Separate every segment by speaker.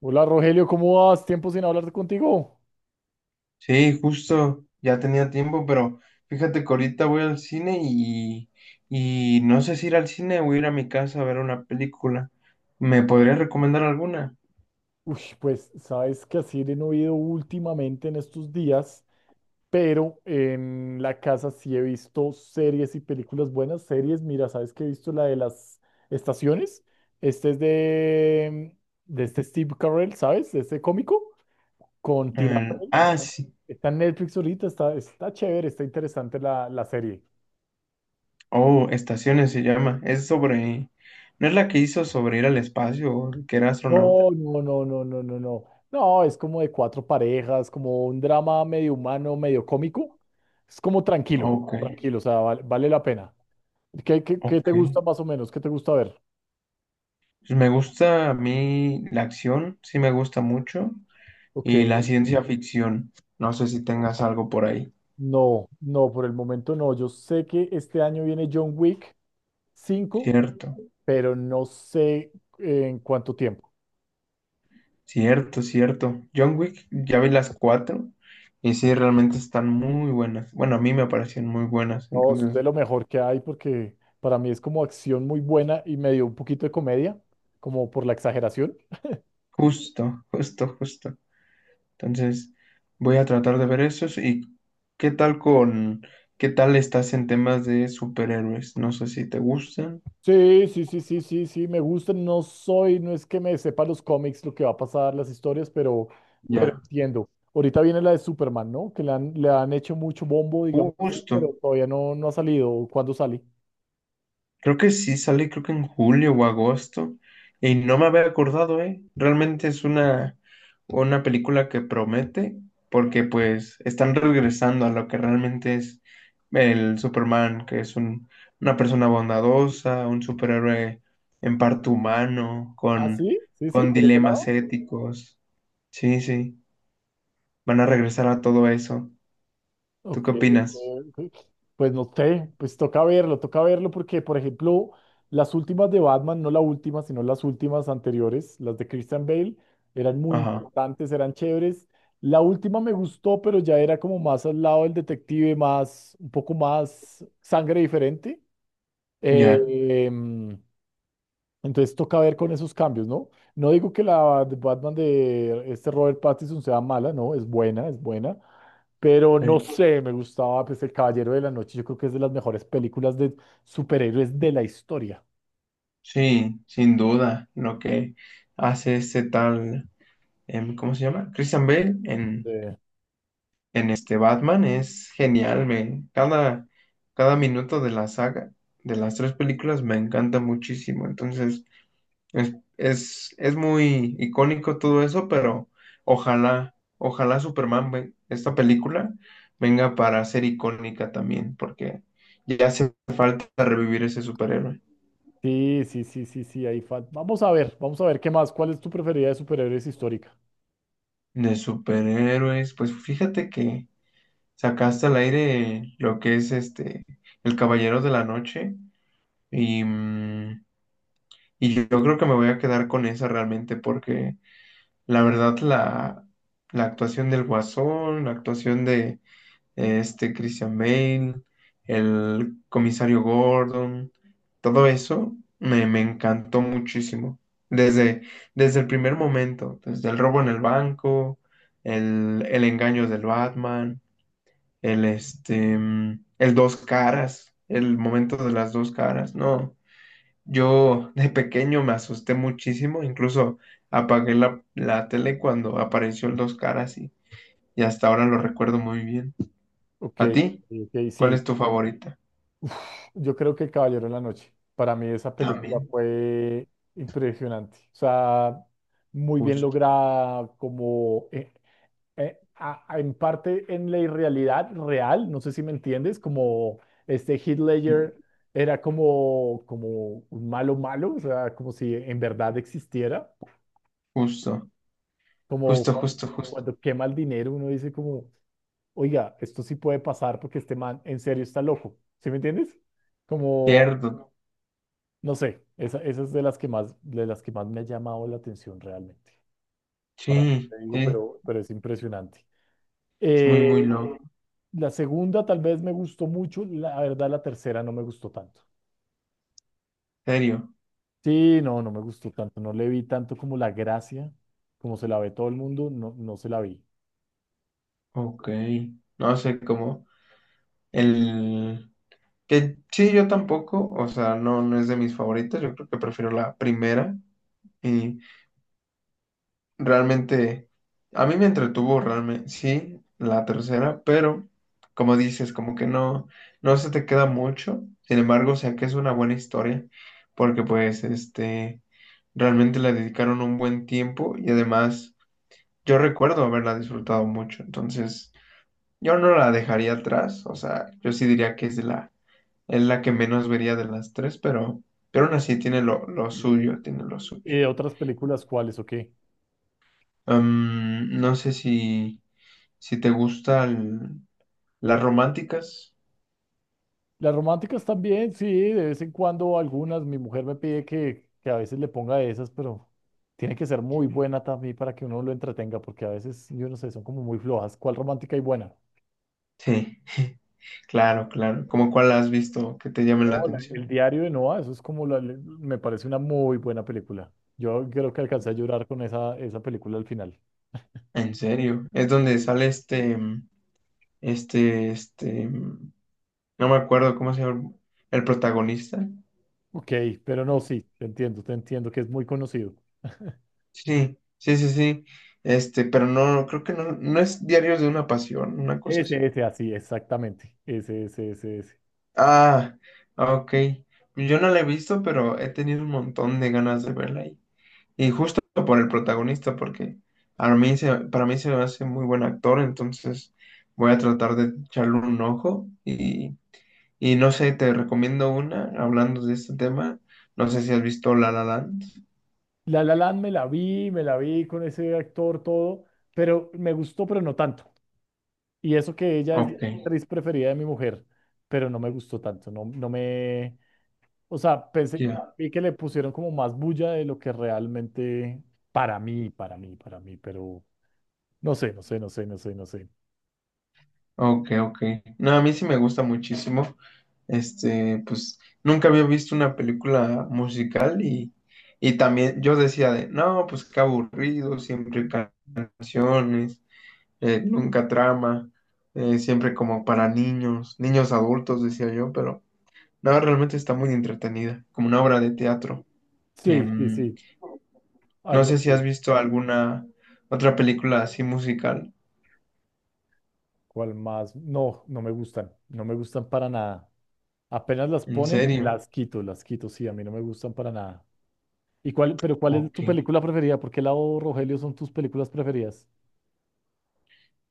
Speaker 1: Hola Rogelio, ¿cómo vas? Tiempo sin hablar contigo.
Speaker 2: Sí, justo, ya tenía tiempo, pero fíjate que ahorita voy al cine y no sé si ir al cine o ir a mi casa a ver una película. ¿Me podrías recomendar alguna?
Speaker 1: Uy, pues sabes que así no he ido últimamente en estos días, pero en la casa sí he visto series y películas buenas. Series, mira, sabes que he visto la de las estaciones. Es de este Steve Carell, ¿sabes? De este cómico con Tina Fey.
Speaker 2: Sí.
Speaker 1: Está en Netflix ahorita, está chévere, está interesante la serie.
Speaker 2: Oh, Estaciones se llama. Es sobre... ¿No es la que hizo sobre ir al espacio o que era astronauta?
Speaker 1: No, no, no, no, no, no, no. No, es como de cuatro parejas, como un drama medio humano, medio cómico. Es como tranquilo,
Speaker 2: Ok,
Speaker 1: tranquilo, o sea, vale, vale la pena. ¿Qué
Speaker 2: ok.
Speaker 1: te gusta más o menos? ¿Qué te gusta ver?
Speaker 2: Pues me gusta a mí la acción, sí me gusta mucho,
Speaker 1: Ok,
Speaker 2: y la ciencia ficción. No sé si tengas algo por ahí,
Speaker 1: no, no, por el momento no. Yo sé que este año viene John Wick 5,
Speaker 2: ¿cierto?
Speaker 1: pero no sé en cuánto tiempo.
Speaker 2: Cierto, cierto. John Wick, ya vi las cuatro y sí, realmente están muy buenas. Bueno, a mí me parecieron muy buenas.
Speaker 1: No, es
Speaker 2: Entonces,
Speaker 1: de lo mejor que hay porque para mí es como acción muy buena y medio un poquito de comedia, como por la exageración.
Speaker 2: justo, justo, justo. Entonces, voy a tratar de ver esos. ¿Y qué tal con, qué tal estás en temas de superhéroes? No sé si te gustan.
Speaker 1: Sí, sí, sí, sí, sí, sí, me gusta. No soy, no es que me sepa los cómics, lo que va a pasar, las historias, pero
Speaker 2: Ya,
Speaker 1: entiendo. Ahorita viene la de Superman, ¿no? Que le han hecho mucho bombo, digamos así,
Speaker 2: justo.
Speaker 1: pero todavía no ha salido. ¿Cuándo sale?
Speaker 2: Creo que sí sale, creo que en julio o agosto. Y no me había acordado, ¿eh? Realmente es una película que promete, porque pues están regresando a lo que realmente es el Superman, que es una persona bondadosa, un superhéroe en parte humano,
Speaker 1: Ah, sí, sí, sí,
Speaker 2: con
Speaker 1: por ese
Speaker 2: dilemas
Speaker 1: lado.
Speaker 2: éticos. Sí, sí, van a regresar a todo eso. ¿Tú
Speaker 1: Ok,
Speaker 2: qué opinas?
Speaker 1: pues no sé, pues toca verlo porque, por ejemplo, las últimas de Batman, no la última, sino las últimas anteriores, las de Christian Bale, eran muy
Speaker 2: Ajá,
Speaker 1: interesantes, eran chéveres. La última me gustó, pero ya era como más al lado del detective, más, un poco más sangre diferente.
Speaker 2: ya.
Speaker 1: Eh, entonces toca ver con esos cambios, ¿no? No digo que la de Batman de este Robert Pattinson sea mala, no, es buena, pero no
Speaker 2: eh.
Speaker 1: sé, me gustaba pues El Caballero de la Noche, yo creo que es de las mejores películas de superhéroes de la historia.
Speaker 2: Sí, sin duda, lo que hace ¿cómo se llama? Christian Bale
Speaker 1: Eh,
Speaker 2: en este Batman es genial, cada minuto de la saga, de las tres películas, me encanta muchísimo, entonces es muy icónico todo eso, pero ojalá Superman, esta película, venga para ser icónica también, porque ya hace falta revivir ese superhéroe.
Speaker 1: Sí, sí, sí, sí, sí, ahí vamos a ver, vamos a ver qué más. ¿Cuál es tu preferida de superhéroes histórica?
Speaker 2: De superhéroes, pues fíjate que... sacaste al aire lo que es este El Caballero de la Noche y, mm, y yo creo que me voy a quedar con esa realmente porque la verdad la actuación del Guasón, la actuación de este Christian Bale, el comisario Gordon, todo eso me encantó muchísimo. Desde, desde el primer momento, desde el robo en el banco, el engaño del Batman el dos caras, el momento de las dos caras. No, yo de pequeño me asusté muchísimo, incluso apagué la tele cuando apareció el dos caras y hasta ahora lo recuerdo muy bien.
Speaker 1: Ok,
Speaker 2: ¿A ti?
Speaker 1: ok,
Speaker 2: ¿Cuál
Speaker 1: sí,
Speaker 2: es tu favorita?
Speaker 1: yo creo que El Caballero de la Noche, para mí esa película
Speaker 2: También,
Speaker 1: fue impresionante, o sea, muy bien
Speaker 2: justo,
Speaker 1: lograda, como en parte en la irrealidad real, no sé si me entiendes, como este Heath Ledger era como, como un malo malo, o sea, como si en verdad existiera,
Speaker 2: justo,
Speaker 1: como
Speaker 2: justo, justo, justo.
Speaker 1: cuando quema el dinero uno dice como, oiga, esto sí puede pasar porque este man en serio está loco, ¿sí me entiendes? Como,
Speaker 2: Cierto.
Speaker 1: no sé, esa es de las que más, de las que más me ha llamado la atención realmente, para qué
Speaker 2: Sí,
Speaker 1: te digo,
Speaker 2: sí,
Speaker 1: pero es impresionante.
Speaker 2: es muy, muy
Speaker 1: Eh,
Speaker 2: loco.
Speaker 1: La segunda tal vez me gustó mucho, la verdad la tercera no me gustó tanto.
Speaker 2: ¿Serio?
Speaker 1: Sí, no, no me gustó tanto, no le vi tanto como la gracia, como se la ve todo el mundo, no, no se la vi.
Speaker 2: Ok. No sé cómo. El, Que sí, yo tampoco, o sea, no, no es de mis favoritas, yo creo que prefiero la primera y realmente a mí me entretuvo realmente, sí, la tercera, pero como dices, como que no, no se te queda mucho, sin embargo, o sea, que es una buena historia, porque pues, este, realmente le dedicaron un buen tiempo y además yo recuerdo haberla disfrutado mucho, entonces yo no la dejaría atrás, o sea, yo sí diría que es de la Es la que menos vería de las tres, pero aún así tiene lo
Speaker 1: Ok.
Speaker 2: suyo, tiene lo suyo.
Speaker 1: ¿Otras películas cuáles o qué?
Speaker 2: Em, no sé si, si te gustan las románticas.
Speaker 1: Las románticas también, sí, de vez en cuando algunas, mi mujer me pide que a veces le ponga esas, pero tiene que ser muy buena también para que uno lo entretenga, porque a veces, yo no sé, son como muy flojas. ¿Cuál romántica y buena?
Speaker 2: Sí, claro, claro. ¿Cómo cuál has visto que te llamen la
Speaker 1: Hola,
Speaker 2: atención?
Speaker 1: el diario de Noah, eso es como me parece una muy buena película. Yo creo que alcancé a llorar con esa película al final.
Speaker 2: En serio. Es donde
Speaker 1: Sí.
Speaker 2: sale este, este, mm, no me acuerdo cómo se llama el protagonista.
Speaker 1: Ok, pero no, sí, te entiendo que es muy conocido.
Speaker 2: Sí, sí, sí, sí. Este, pero no, creo que no es Diarios de una Pasión, una cosa
Speaker 1: Ese,
Speaker 2: así.
Speaker 1: ese, así, exactamente. Ese, ese, ese, ese.
Speaker 2: Ah, ok. Pues yo no la he visto, pero he tenido un montón de ganas de verla ahí. Y justo por el protagonista, porque para mí se me hace muy buen actor, entonces voy a tratar de echarle un ojo. Y no sé, te recomiendo una, hablando de este tema. No sé si has visto La La Land.
Speaker 1: La La Land me la vi con ese actor, todo, pero me gustó, pero no tanto. Y eso que ella es la
Speaker 2: Ok,
Speaker 1: actriz preferida de mi mujer, pero no me gustó tanto, no, o sea, pensé que,
Speaker 2: ya.
Speaker 1: vi que le pusieron como más bulla de lo que realmente para mí, para mí, para mí, pero no sé, no sé, no sé, no sé, no sé.
Speaker 2: Ok, ok. No, a mí sí me gusta muchísimo. Este, pues nunca había visto una película musical y también yo decía de, no, pues qué aburrido, siempre canciones, nunca trama, siempre como para niños, niños adultos, decía yo, pero no, realmente está muy entretenida, como una obra de teatro.
Speaker 1: Sí, sí,
Speaker 2: Em,
Speaker 1: sí,
Speaker 2: no
Speaker 1: algo
Speaker 2: sé si has
Speaker 1: así.
Speaker 2: visto alguna otra película así musical,
Speaker 1: ¿Cuál más? No, no me gustan, no me gustan para nada. Apenas las
Speaker 2: en
Speaker 1: ponen,
Speaker 2: serio,
Speaker 1: las quito, sí, a mí no me gustan para nada. ¿Y cuál, pero cuál es
Speaker 2: ok,
Speaker 1: tu película preferida? ¿Por qué lado, Rogelio, son tus películas preferidas?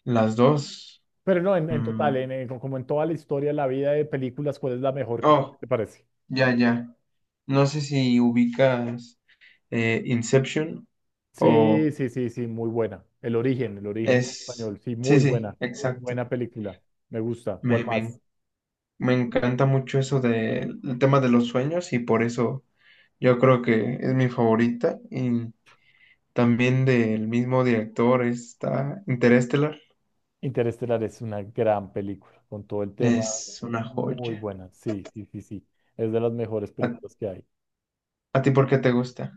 Speaker 2: las dos.
Speaker 1: Pero no, en
Speaker 2: Mm.
Speaker 1: total, como en toda la historia, la vida de películas, ¿cuál es la mejor que
Speaker 2: Oh,
Speaker 1: te parece?
Speaker 2: ya, ya. No sé si ubicas Inception
Speaker 1: Sí,
Speaker 2: o
Speaker 1: sí, sí, sí, muy buena. El origen
Speaker 2: es...
Speaker 1: español, sí,
Speaker 2: Sí,
Speaker 1: muy
Speaker 2: sí,
Speaker 1: buena.
Speaker 2: exacto.
Speaker 1: Buena película, me gusta.
Speaker 2: Me,
Speaker 1: ¿Cuál más?
Speaker 2: me, me encanta mucho eso del el tema de los sueños y por eso yo creo que es mi favorita. Y también del mismo director está Interstellar.
Speaker 1: Interestelar es una gran película, con todo el tema,
Speaker 2: Es una
Speaker 1: muy
Speaker 2: joya.
Speaker 1: buena. Sí, sí, sí, sí. Es de las mejores
Speaker 2: ¿A,
Speaker 1: películas que hay.
Speaker 2: a ti por qué te gusta?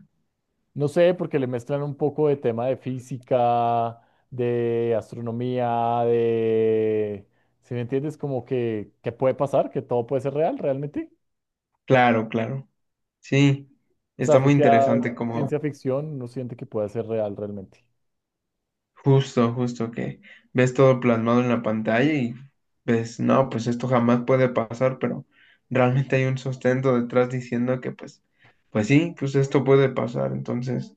Speaker 1: No sé, porque le mezclan un poco de tema de física, de astronomía, de... Si me entiendes, como que puede pasar, que todo puede ser real realmente.
Speaker 2: Claro, claro. Sí,
Speaker 1: O
Speaker 2: está
Speaker 1: sea, si
Speaker 2: muy
Speaker 1: sea
Speaker 2: interesante como...
Speaker 1: ciencia ficción, uno siente que puede ser real realmente.
Speaker 2: Justo, justo que ves todo plasmado en la pantalla y ves, no, pues esto jamás puede pasar, pero realmente hay un sustento detrás diciendo que pues, pues sí, pues esto puede pasar. Entonces,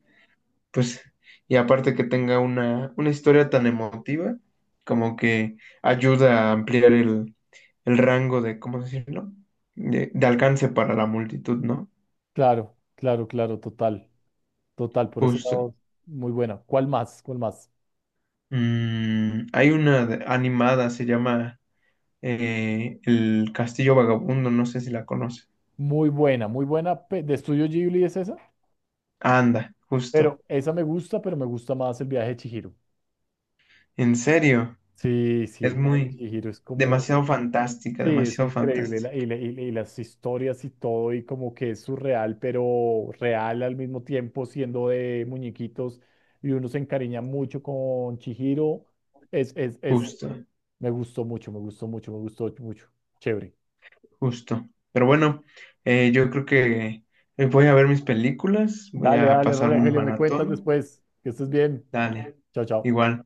Speaker 2: pues, y aparte que tenga una historia tan emotiva, como que ayuda a ampliar el rango de, ¿cómo decirlo? De alcance para la multitud, ¿no?
Speaker 1: Claro, claro, claro, total, total, por ese
Speaker 2: Justo.
Speaker 1: lado, muy buena. ¿Cuál más? ¿Cuál más?
Speaker 2: Mm, hay una animada, se llama el Castillo Vagabundo, no sé si la conoces.
Speaker 1: Muy buena, muy buena. De Estudio Ghibli es esa,
Speaker 2: Anda, justo.
Speaker 1: pero esa me gusta, pero me gusta más el viaje de Chihiro.
Speaker 2: En serio,
Speaker 1: Sí, sí, el
Speaker 2: es
Speaker 1: viaje de
Speaker 2: muy,
Speaker 1: Chihiro es como,
Speaker 2: demasiado fantástica,
Speaker 1: sí, es
Speaker 2: demasiado
Speaker 1: increíble, la- y,
Speaker 2: fantástica.
Speaker 1: la- y la- y las historias y todo, y como que es surreal, pero real al mismo tiempo, siendo de muñequitos, y uno se encariña mucho con Chihiro. Es, es, es,
Speaker 2: Justo,
Speaker 1: me gustó mucho, me gustó mucho, me gustó mucho. Chévere.
Speaker 2: justo. Pero bueno, yo creo que voy a ver mis películas, voy
Speaker 1: Dale,
Speaker 2: a
Speaker 1: dale,
Speaker 2: pasarme un
Speaker 1: Rogelio, me cuentas
Speaker 2: maratón.
Speaker 1: después. Que estés bien.
Speaker 2: Dale,
Speaker 1: Chao, chao.
Speaker 2: igual.